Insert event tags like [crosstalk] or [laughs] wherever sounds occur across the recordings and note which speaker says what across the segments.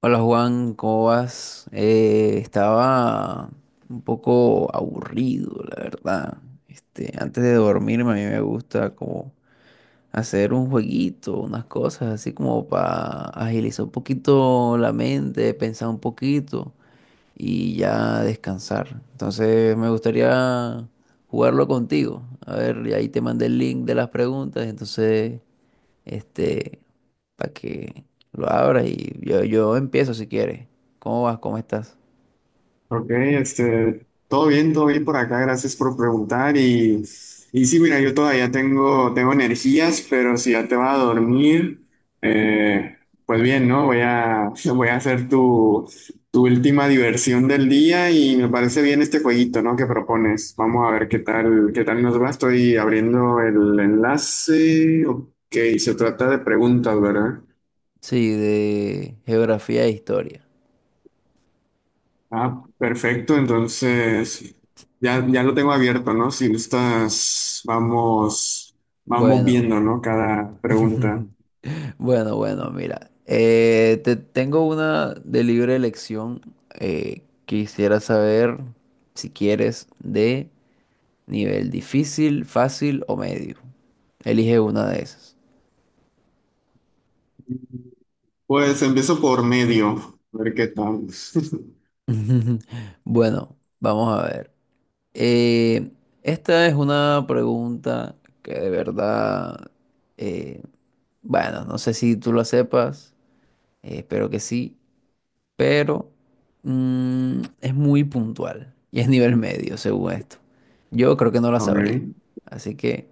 Speaker 1: Hola Juan, ¿cómo vas? Estaba un poco aburrido, la verdad. Antes de dormirme a mí me gusta como hacer un jueguito, unas cosas así como para agilizar un poquito la mente, pensar un poquito y ya descansar. Entonces me gustaría jugarlo contigo. A ver, y ahí te mandé el link de las preguntas, entonces este, para que lo abras y yo empiezo si quieres. ¿Cómo vas? ¿Cómo estás?
Speaker 2: Ok, este, todo bien por acá, gracias por preguntar. Y sí, mira, yo todavía tengo energías, pero si ya te vas a dormir, eh, pues bien, ¿no? Voy a, [laughs] voy a hacer tu, tu última diversión del día y me parece bien este jueguito, ¿no? Que propones. Vamos a ver qué tal nos va. Estoy abriendo el enlace. Ok, se trata de preguntas, ¿verdad?
Speaker 1: Sí, de geografía e historia.
Speaker 2: Ah, perfecto. Entonces, ya, ya lo tengo abierto, ¿no? Si gustas, vamos, vamos
Speaker 1: Bueno,
Speaker 2: viendo, ¿no? Cada pregunta.
Speaker 1: [laughs] bueno, bueno, mira, te tengo una de libre elección. Quisiera saber si quieres de nivel difícil, fácil o medio. Elige una de esas.
Speaker 2: Pues empiezo por medio, a ver qué tal. [laughs]
Speaker 1: [laughs] Bueno, vamos a ver. Eh, esta es una pregunta que de verdad, eh, bueno, no sé si tú la sepas, espero que sí, pero es muy puntual y es nivel medio, según esto. Yo creo que no la sabría.
Speaker 2: Ok.
Speaker 1: Así que,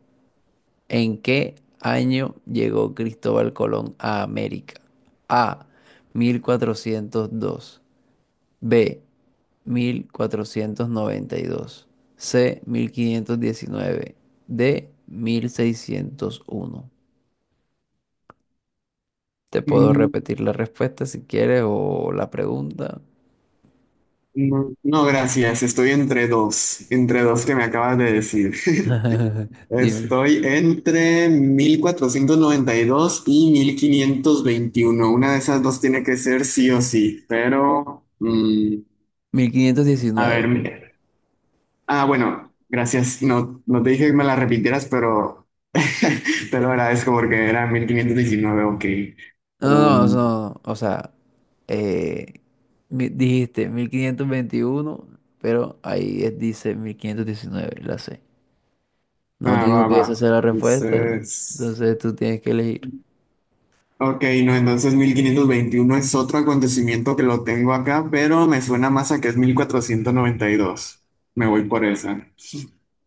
Speaker 1: ¿en qué año llegó Cristóbal Colón a América? A, 1402. B, 1492. C, 1519. D, 1601. Te puedo
Speaker 2: Mm,
Speaker 1: repetir la respuesta si quieres o la pregunta.
Speaker 2: No, no, gracias. Estoy entre dos que me acabas de decir. [laughs]
Speaker 1: [laughs] Dime.
Speaker 2: Estoy entre mil cuatrocientos noventa y dos y mil quinientos veintiuno. Una de esas dos tiene que ser sí o sí, pero... A ver,
Speaker 1: 1519.
Speaker 2: mira. Ah, bueno, gracias. No, no te dije que me la repitieras, pero [laughs] te lo agradezco porque era 1519, ok.
Speaker 1: No, no, no,
Speaker 2: Um,
Speaker 1: no, no. O sea, eh, dijiste 1521, pero dice 1519. La C. No
Speaker 2: ah,
Speaker 1: digo
Speaker 2: va,
Speaker 1: que esa
Speaker 2: va.
Speaker 1: sea la respuesta,
Speaker 2: Entonces,
Speaker 1: entonces tú tienes que elegir.
Speaker 2: ok, no, entonces 1521 es otro acontecimiento que lo tengo acá, pero me suena más a que es 1492. Me voy por esa.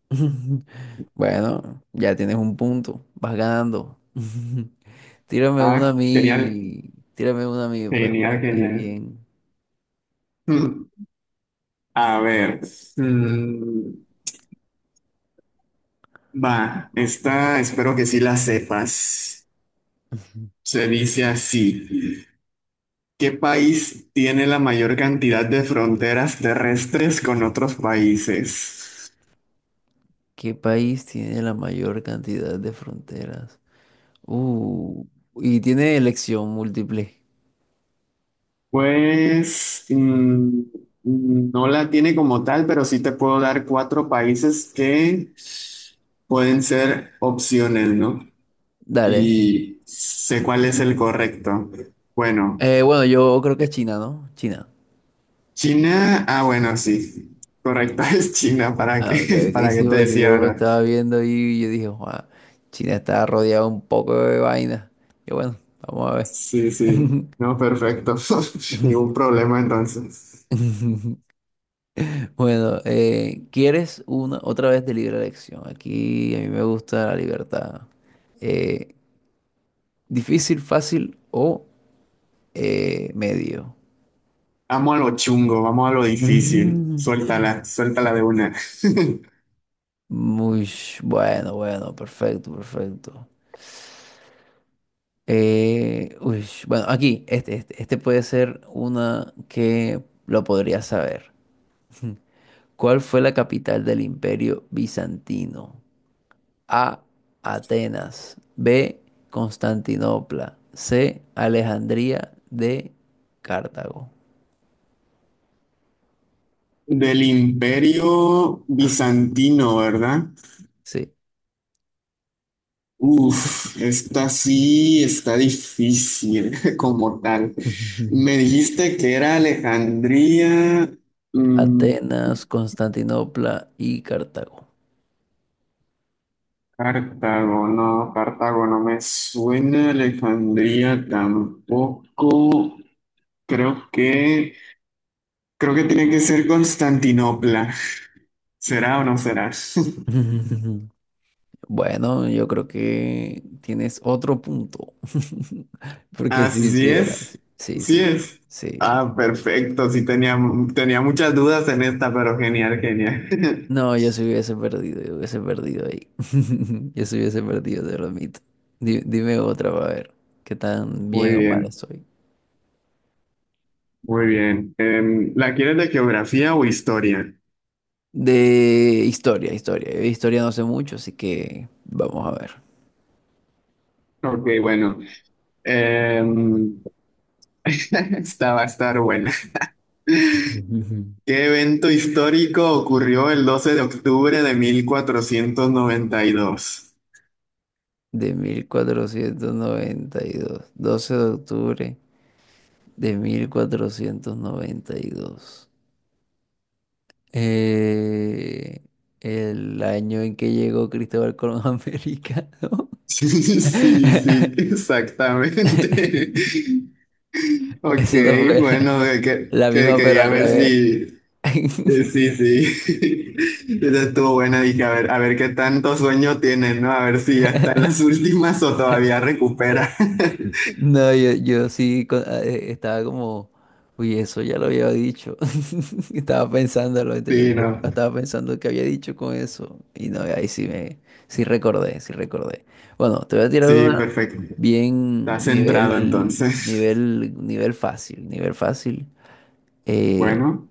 Speaker 1: [laughs] Bueno, ya tienes un punto, vas ganando. [laughs] Tírame una a
Speaker 2: Ah, genial,
Speaker 1: mí, tírame una a mí, pues una a
Speaker 2: genial,
Speaker 1: ti
Speaker 2: genial.
Speaker 1: bien.
Speaker 2: [laughs] A ver, mm, va, esta espero que sí la sepas.
Speaker 1: [laughs]
Speaker 2: Se dice así. ¿Qué país tiene la mayor cantidad de fronteras terrestres con otros países?
Speaker 1: ¿Qué país tiene la mayor cantidad de fronteras? Uh, y tiene elección múltiple.
Speaker 2: Pues no la tiene como tal, pero sí te puedo dar cuatro países que pueden ser opciones, ¿no?
Speaker 1: Dale.
Speaker 2: Y sé cuál es el correcto. Bueno,
Speaker 1: Bueno, yo creo que es China, ¿no? China.
Speaker 2: China, ah, bueno, sí. Correcto [laughs] es China, ¿para qué?
Speaker 1: Ah, ok,
Speaker 2: [laughs]
Speaker 1: ok,
Speaker 2: ¿Para qué
Speaker 1: sí,
Speaker 2: te
Speaker 1: porque
Speaker 2: decía,
Speaker 1: yo lo
Speaker 2: verdad?
Speaker 1: estaba viendo y yo dije, "Guau, China está rodeada un poco de vaina. Y bueno, vamos a ver."
Speaker 2: Sí, sí. No, perfecto. [laughs] Ningún problema entonces.
Speaker 1: [laughs] [laughs] Bueno, ¿quieres una otra vez de libre elección? Aquí a mí me gusta la libertad. Eh, ¿Difícil, fácil o medio? [laughs]
Speaker 2: Vamos a lo chungo, vamos a lo difícil.
Speaker 1: Mm.
Speaker 2: Suéltala, suéltala de una. [laughs]
Speaker 1: Muy bueno, perfecto, perfecto. Bueno, aquí, este puede ser una que lo podría saber. [laughs] ¿Cuál fue la capital del Imperio Bizantino? A, Atenas. B, Constantinopla. C, Alejandría. D, Cartago.
Speaker 2: Del Imperio Bizantino, ¿verdad?
Speaker 1: Sí.
Speaker 2: Uf, esta sí está difícil [laughs] como tal.
Speaker 1: [laughs]
Speaker 2: Me dijiste que era Alejandría, mm,
Speaker 1: Atenas, Constantinopla y Cartago.
Speaker 2: Cartago no me suena, Alejandría tampoco. Creo que Creo que tiene que ser Constantinopla. ¿Será o no será? [laughs]
Speaker 1: [laughs] Bueno, yo creo que tienes otro punto. [laughs] Porque
Speaker 2: Ah, sí,
Speaker 1: si
Speaker 2: sí
Speaker 1: sí, era.
Speaker 2: es.
Speaker 1: Sí, sí,
Speaker 2: Sí
Speaker 1: sí.
Speaker 2: es.
Speaker 1: Sí.
Speaker 2: Ah, perfecto. Sí tenía, tenía muchas dudas en esta, pero genial, genial. [laughs]
Speaker 1: No, yo se hubiese perdido, yo hubiese perdido ahí. [laughs] Yo se hubiese perdido, te lo admito. Dime otra, para ver qué tan
Speaker 2: Muy
Speaker 1: bien o mal
Speaker 2: bien,
Speaker 1: estoy.
Speaker 2: muy bien. ¿La quieres de geografía o historia?
Speaker 1: De historia, historia. Historia no sé mucho, así que vamos a ver.
Speaker 2: Ok, bueno. Em, [laughs] esta va a estar buena.
Speaker 1: [laughs] Ujú.
Speaker 2: [laughs] ¿Qué evento histórico ocurrió el 12 de octubre de 1492?
Speaker 1: De 1492, 12 de octubre de 1492. Eh, el año en que llegó Cristóbal Colón a América, ¿no?
Speaker 2: [laughs] Sí, sí,
Speaker 1: [laughs]
Speaker 2: exactamente. [laughs] Ok,
Speaker 1: Eso no fue
Speaker 2: bueno,
Speaker 1: la
Speaker 2: que
Speaker 1: misma, pero
Speaker 2: quería
Speaker 1: al
Speaker 2: ver
Speaker 1: revés.
Speaker 2: si,
Speaker 1: [laughs]
Speaker 2: sí, sí, [laughs] esa estuvo buena, dije, a ver qué tanto sueño tienes, ¿no? A ver si ya están las [laughs] últimas o todavía recupera. [laughs]
Speaker 1: No, yo estaba como, uy, eso ya lo había dicho. [laughs] Estaba pensándolo, entonces yo
Speaker 2: Sí,
Speaker 1: dije,
Speaker 2: no,
Speaker 1: ah, estaba pensando que había dicho con eso. Y no, sí recordé, sí recordé. Bueno, te voy a tirar
Speaker 2: sí,
Speaker 1: una
Speaker 2: perfecto. Está
Speaker 1: bien
Speaker 2: centrado
Speaker 1: nivel,
Speaker 2: entonces.
Speaker 1: nivel, nivel fácil, nivel fácil.
Speaker 2: [laughs]
Speaker 1: Eh,
Speaker 2: Bueno,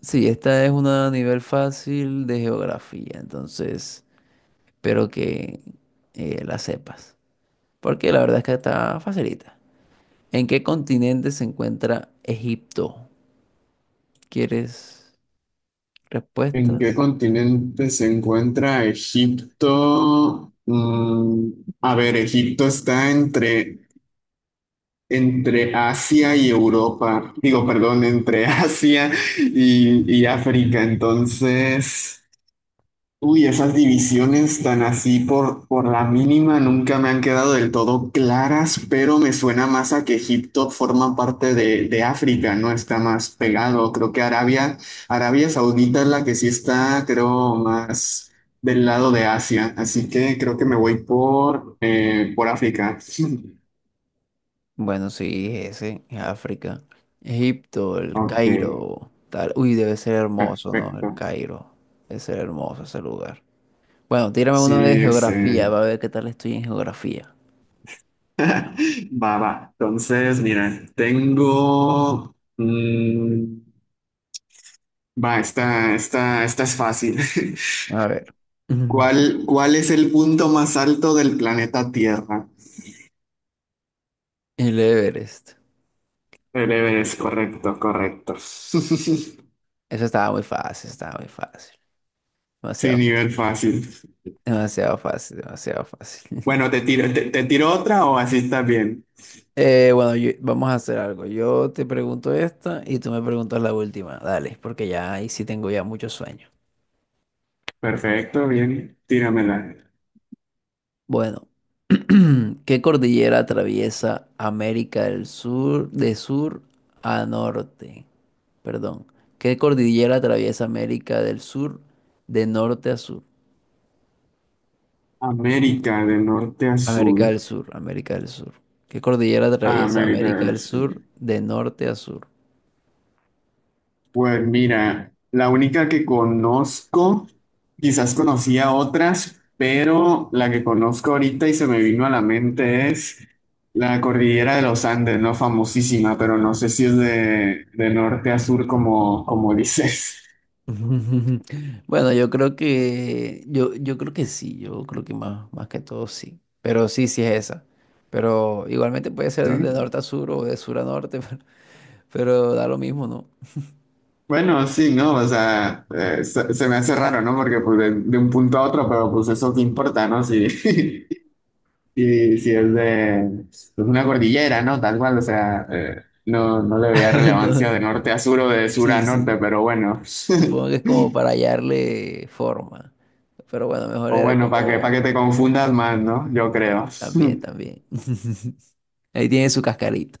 Speaker 1: sí, esta es una nivel fácil de geografía, entonces espero que la sepas. Porque la verdad es que está facilita. ¿En qué continente se encuentra Egipto? ¿Quieres
Speaker 2: ¿en qué
Speaker 1: respuestas?
Speaker 2: continente se encuentra Egipto? A ver, Egipto está entre... Entre Asia y Europa, digo, perdón, entre [laughs] Asia y África. Entonces, uy, esas divisiones tan así por la mínima nunca me han quedado del todo claras, pero me suena más a que Egipto forma parte de África, ¿no? Está más pegado. Creo que Arabia, Arabia Saudita es la que sí está, creo, más del lado de Asia. Así que creo que me voy por África. [laughs]
Speaker 1: Bueno, sí, ese es África. Egipto, el
Speaker 2: Ok,
Speaker 1: Cairo, tal. Uy, debe ser hermoso, ¿no? El
Speaker 2: perfecto.
Speaker 1: Cairo. Debe ser hermoso ese lugar. Bueno, tírame uno de
Speaker 2: Sí,
Speaker 1: geografía,
Speaker 2: este,
Speaker 1: va a ver qué tal estoy en geografía.
Speaker 2: [laughs] va, va. Entonces, mira, tengo. Va, esta, esta, esta es fácil. [laughs]
Speaker 1: A ver. Ujú.
Speaker 2: ¿Cuál, cuál es el punto más alto del planeta Tierra?
Speaker 1: El Everest.
Speaker 2: El Everest, correcto, correcto. [laughs]
Speaker 1: Eso estaba muy fácil, estaba muy fácil.
Speaker 2: Sí,
Speaker 1: Demasiado fácil.
Speaker 2: nivel fácil.
Speaker 1: Demasiado fácil, demasiado fácil.
Speaker 2: Bueno,
Speaker 1: [laughs]
Speaker 2: te tiro, te tiro otra o así está bien.
Speaker 1: Vamos a hacer algo. Yo te pregunto esta y tú me preguntas la última. Dale, porque ya ahí sí tengo ya mucho sueño.
Speaker 2: Perfecto, bien. Tíramela.
Speaker 1: Bueno, [clears throat] ¿qué cordillera atraviesa América del Sur de sur a norte? Perdón. ¿Qué cordillera atraviesa América del Sur de norte a sur?
Speaker 2: América de norte a
Speaker 1: América
Speaker 2: sur.
Speaker 1: del Sur, América del Sur. ¿Qué cordillera
Speaker 2: Ah,
Speaker 1: atraviesa
Speaker 2: América
Speaker 1: América
Speaker 2: del
Speaker 1: del
Speaker 2: Sur.
Speaker 1: Sur de norte a sur?
Speaker 2: Pues mira, la única que conozco, quizás conocía otras, pero la que conozco ahorita y se me vino a la mente es la cordillera de los Andes, ¿no? Famosísima, pero no sé si es de norte a sur como, como [laughs] dices.
Speaker 1: [laughs] Bueno, yo creo que yo creo que sí, yo creo que más, más que todo sí. Pero sí, sí es esa. Pero igualmente puede ser de
Speaker 2: Sí.
Speaker 1: norte a sur o de sur a norte, [laughs] pero da lo mismo, ¿no?
Speaker 2: Bueno, sí, ¿no? O sea,
Speaker 1: Ujú.
Speaker 2: se, se me hace raro, ¿no? Porque pues de un punto a otro, pero pues eso qué importa, ¿no? Sí. [laughs] Sí, sí, es de es una cordillera, ¿no? Tal cual, o sea, no, no le veía
Speaker 1: [laughs] No,
Speaker 2: relevancia de
Speaker 1: no.
Speaker 2: norte a sur o de sur a
Speaker 1: Sí,
Speaker 2: norte,
Speaker 1: sí.
Speaker 2: pero bueno.
Speaker 1: Supongo que es
Speaker 2: [laughs]
Speaker 1: como para hallarle forma. Pero bueno, mejor
Speaker 2: O
Speaker 1: era
Speaker 2: bueno, para
Speaker 1: como
Speaker 2: que te confundas más, ¿no? Yo
Speaker 1: ah,
Speaker 2: creo.
Speaker 1: también,
Speaker 2: [laughs]
Speaker 1: también. [laughs] Ahí tiene su cascarita.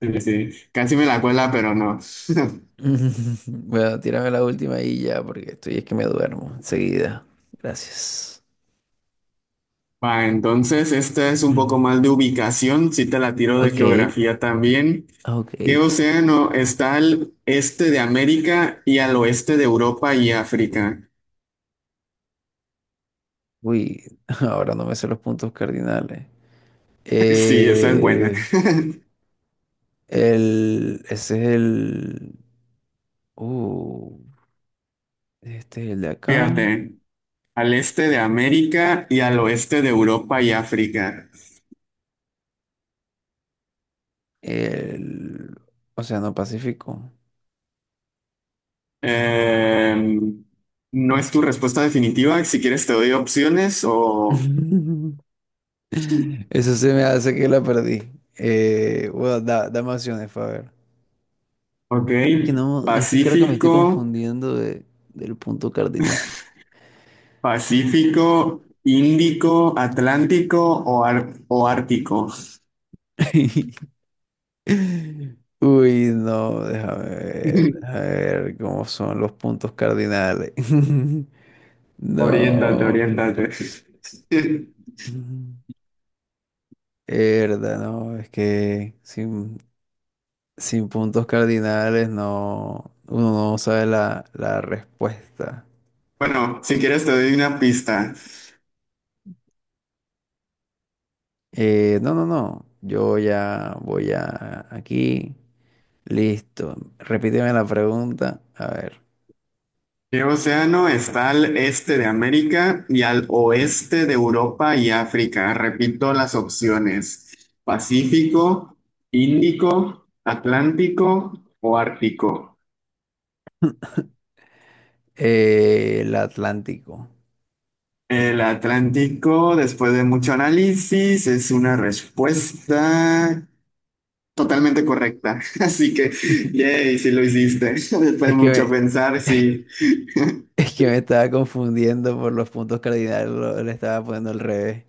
Speaker 2: Sí, sí. Casi me la cuela, pero no. [laughs]
Speaker 1: [laughs] Bueno, tírame la última y ya, porque estoy es que me duermo enseguida. Gracias.
Speaker 2: Va, entonces, esta es un poco
Speaker 1: [laughs]
Speaker 2: más de ubicación, si te la tiro de
Speaker 1: Ok,
Speaker 2: geografía también.
Speaker 1: ok.
Speaker 2: ¿Qué océano está al este de América y al oeste de Europa y África?
Speaker 1: Uy, [laughs] ahora no me sé los puntos cardinales.
Speaker 2: [laughs] Sí, esa es buena.
Speaker 1: Eh, el, ese es el... Uh, este es el de
Speaker 2: [laughs]
Speaker 1: acá.
Speaker 2: Fíjate. Al este de América y al oeste de Europa y África.
Speaker 1: El Océano Pacífico.
Speaker 2: Eh, no es tu respuesta definitiva. Si quieres te doy opciones o...
Speaker 1: [laughs] Eso se me hace que la perdí. Dame opciones, para ver.
Speaker 2: Ok.
Speaker 1: Que no, es que creo que me estoy
Speaker 2: Pacífico,
Speaker 1: confundiendo de- del punto cardinal.
Speaker 2: [laughs] Pacífico, Índico, Atlántico o, ar- o Ártico.
Speaker 1: [laughs] Uy, no, déjame ver, a
Speaker 2: [laughs]
Speaker 1: ver cómo son los puntos cardinales. [laughs]
Speaker 2: Oriéntate,
Speaker 1: No.
Speaker 2: oriéntate. [laughs]
Speaker 1: Verdad, no, es que sin puntos cardinales no, uno no sabe la respuesta.
Speaker 2: Bueno, si quieres te doy una pista.
Speaker 1: No, no, no, yo ya voy a aquí. Listo. Repíteme la pregunta. A ver.
Speaker 2: ¿Qué océano está al este de América y al
Speaker 1: Ah.
Speaker 2: oeste de Europa y África? Repito las opciones. Pacífico, Índico, Atlántico o Ártico.
Speaker 1: El Atlántico.
Speaker 2: El Atlántico, después de mucho análisis, es una respuesta totalmente correcta. [laughs] Así que,
Speaker 1: [laughs]
Speaker 2: yay, si lo hiciste. [laughs] Después de
Speaker 1: Es que
Speaker 2: mucho
Speaker 1: me-
Speaker 2: pensar,
Speaker 1: [laughs]
Speaker 2: sí.
Speaker 1: Es que me estaba confundiendo por los puntos cardinales, le estaba poniendo al revés.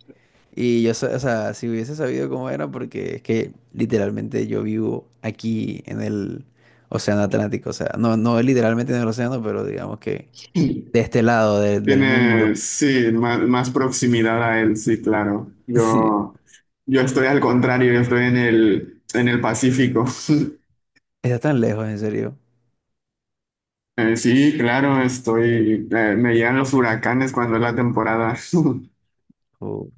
Speaker 1: Y yo, o sea, si hubiese sabido cómo era, porque es que literalmente yo vivo aquí en el Océano Atlántico, o sea, no, no literalmente en el océano, pero digamos que
Speaker 2: [laughs]
Speaker 1: de este lado del
Speaker 2: Tiene,
Speaker 1: mundo.
Speaker 2: sí, más, más proximidad a él, sí, claro.
Speaker 1: [laughs] Sí,
Speaker 2: Yo estoy al contrario, yo estoy en el Pacífico.
Speaker 1: está tan lejos, en serio.
Speaker 2: Sí, claro, estoy, me llegan los huracanes cuando es la temporada. [laughs]
Speaker 1: Oh.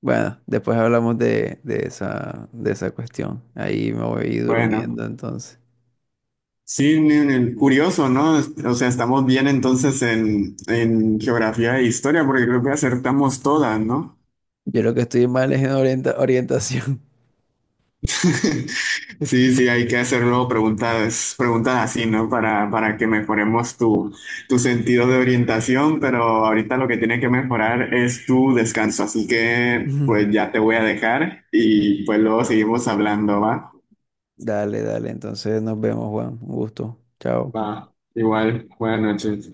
Speaker 1: Bueno, después hablamos de esa cuestión. Ahí me voy
Speaker 2: Bueno,
Speaker 1: durmiendo, entonces.
Speaker 2: sí, ni- ni- curioso, ¿no? O sea, estamos bien entonces en geografía e historia, porque creo que acertamos todas, ¿no?
Speaker 1: Yo lo que estoy mal es en orientación.
Speaker 2: [laughs] Sí, sí, hay que hacerlo preguntas, preguntas así, ¿no? Para que mejoremos tu, tu sentido de orientación, pero ahorita lo que tiene que mejorar es tu descanso, así que pues
Speaker 1: [laughs]
Speaker 2: ya te voy a dejar y pues luego seguimos hablando, ¿va?
Speaker 1: Dale, dale. Entonces nos vemos, Juan. Un gusto. Chao.
Speaker 2: Va, igual, buenas noches.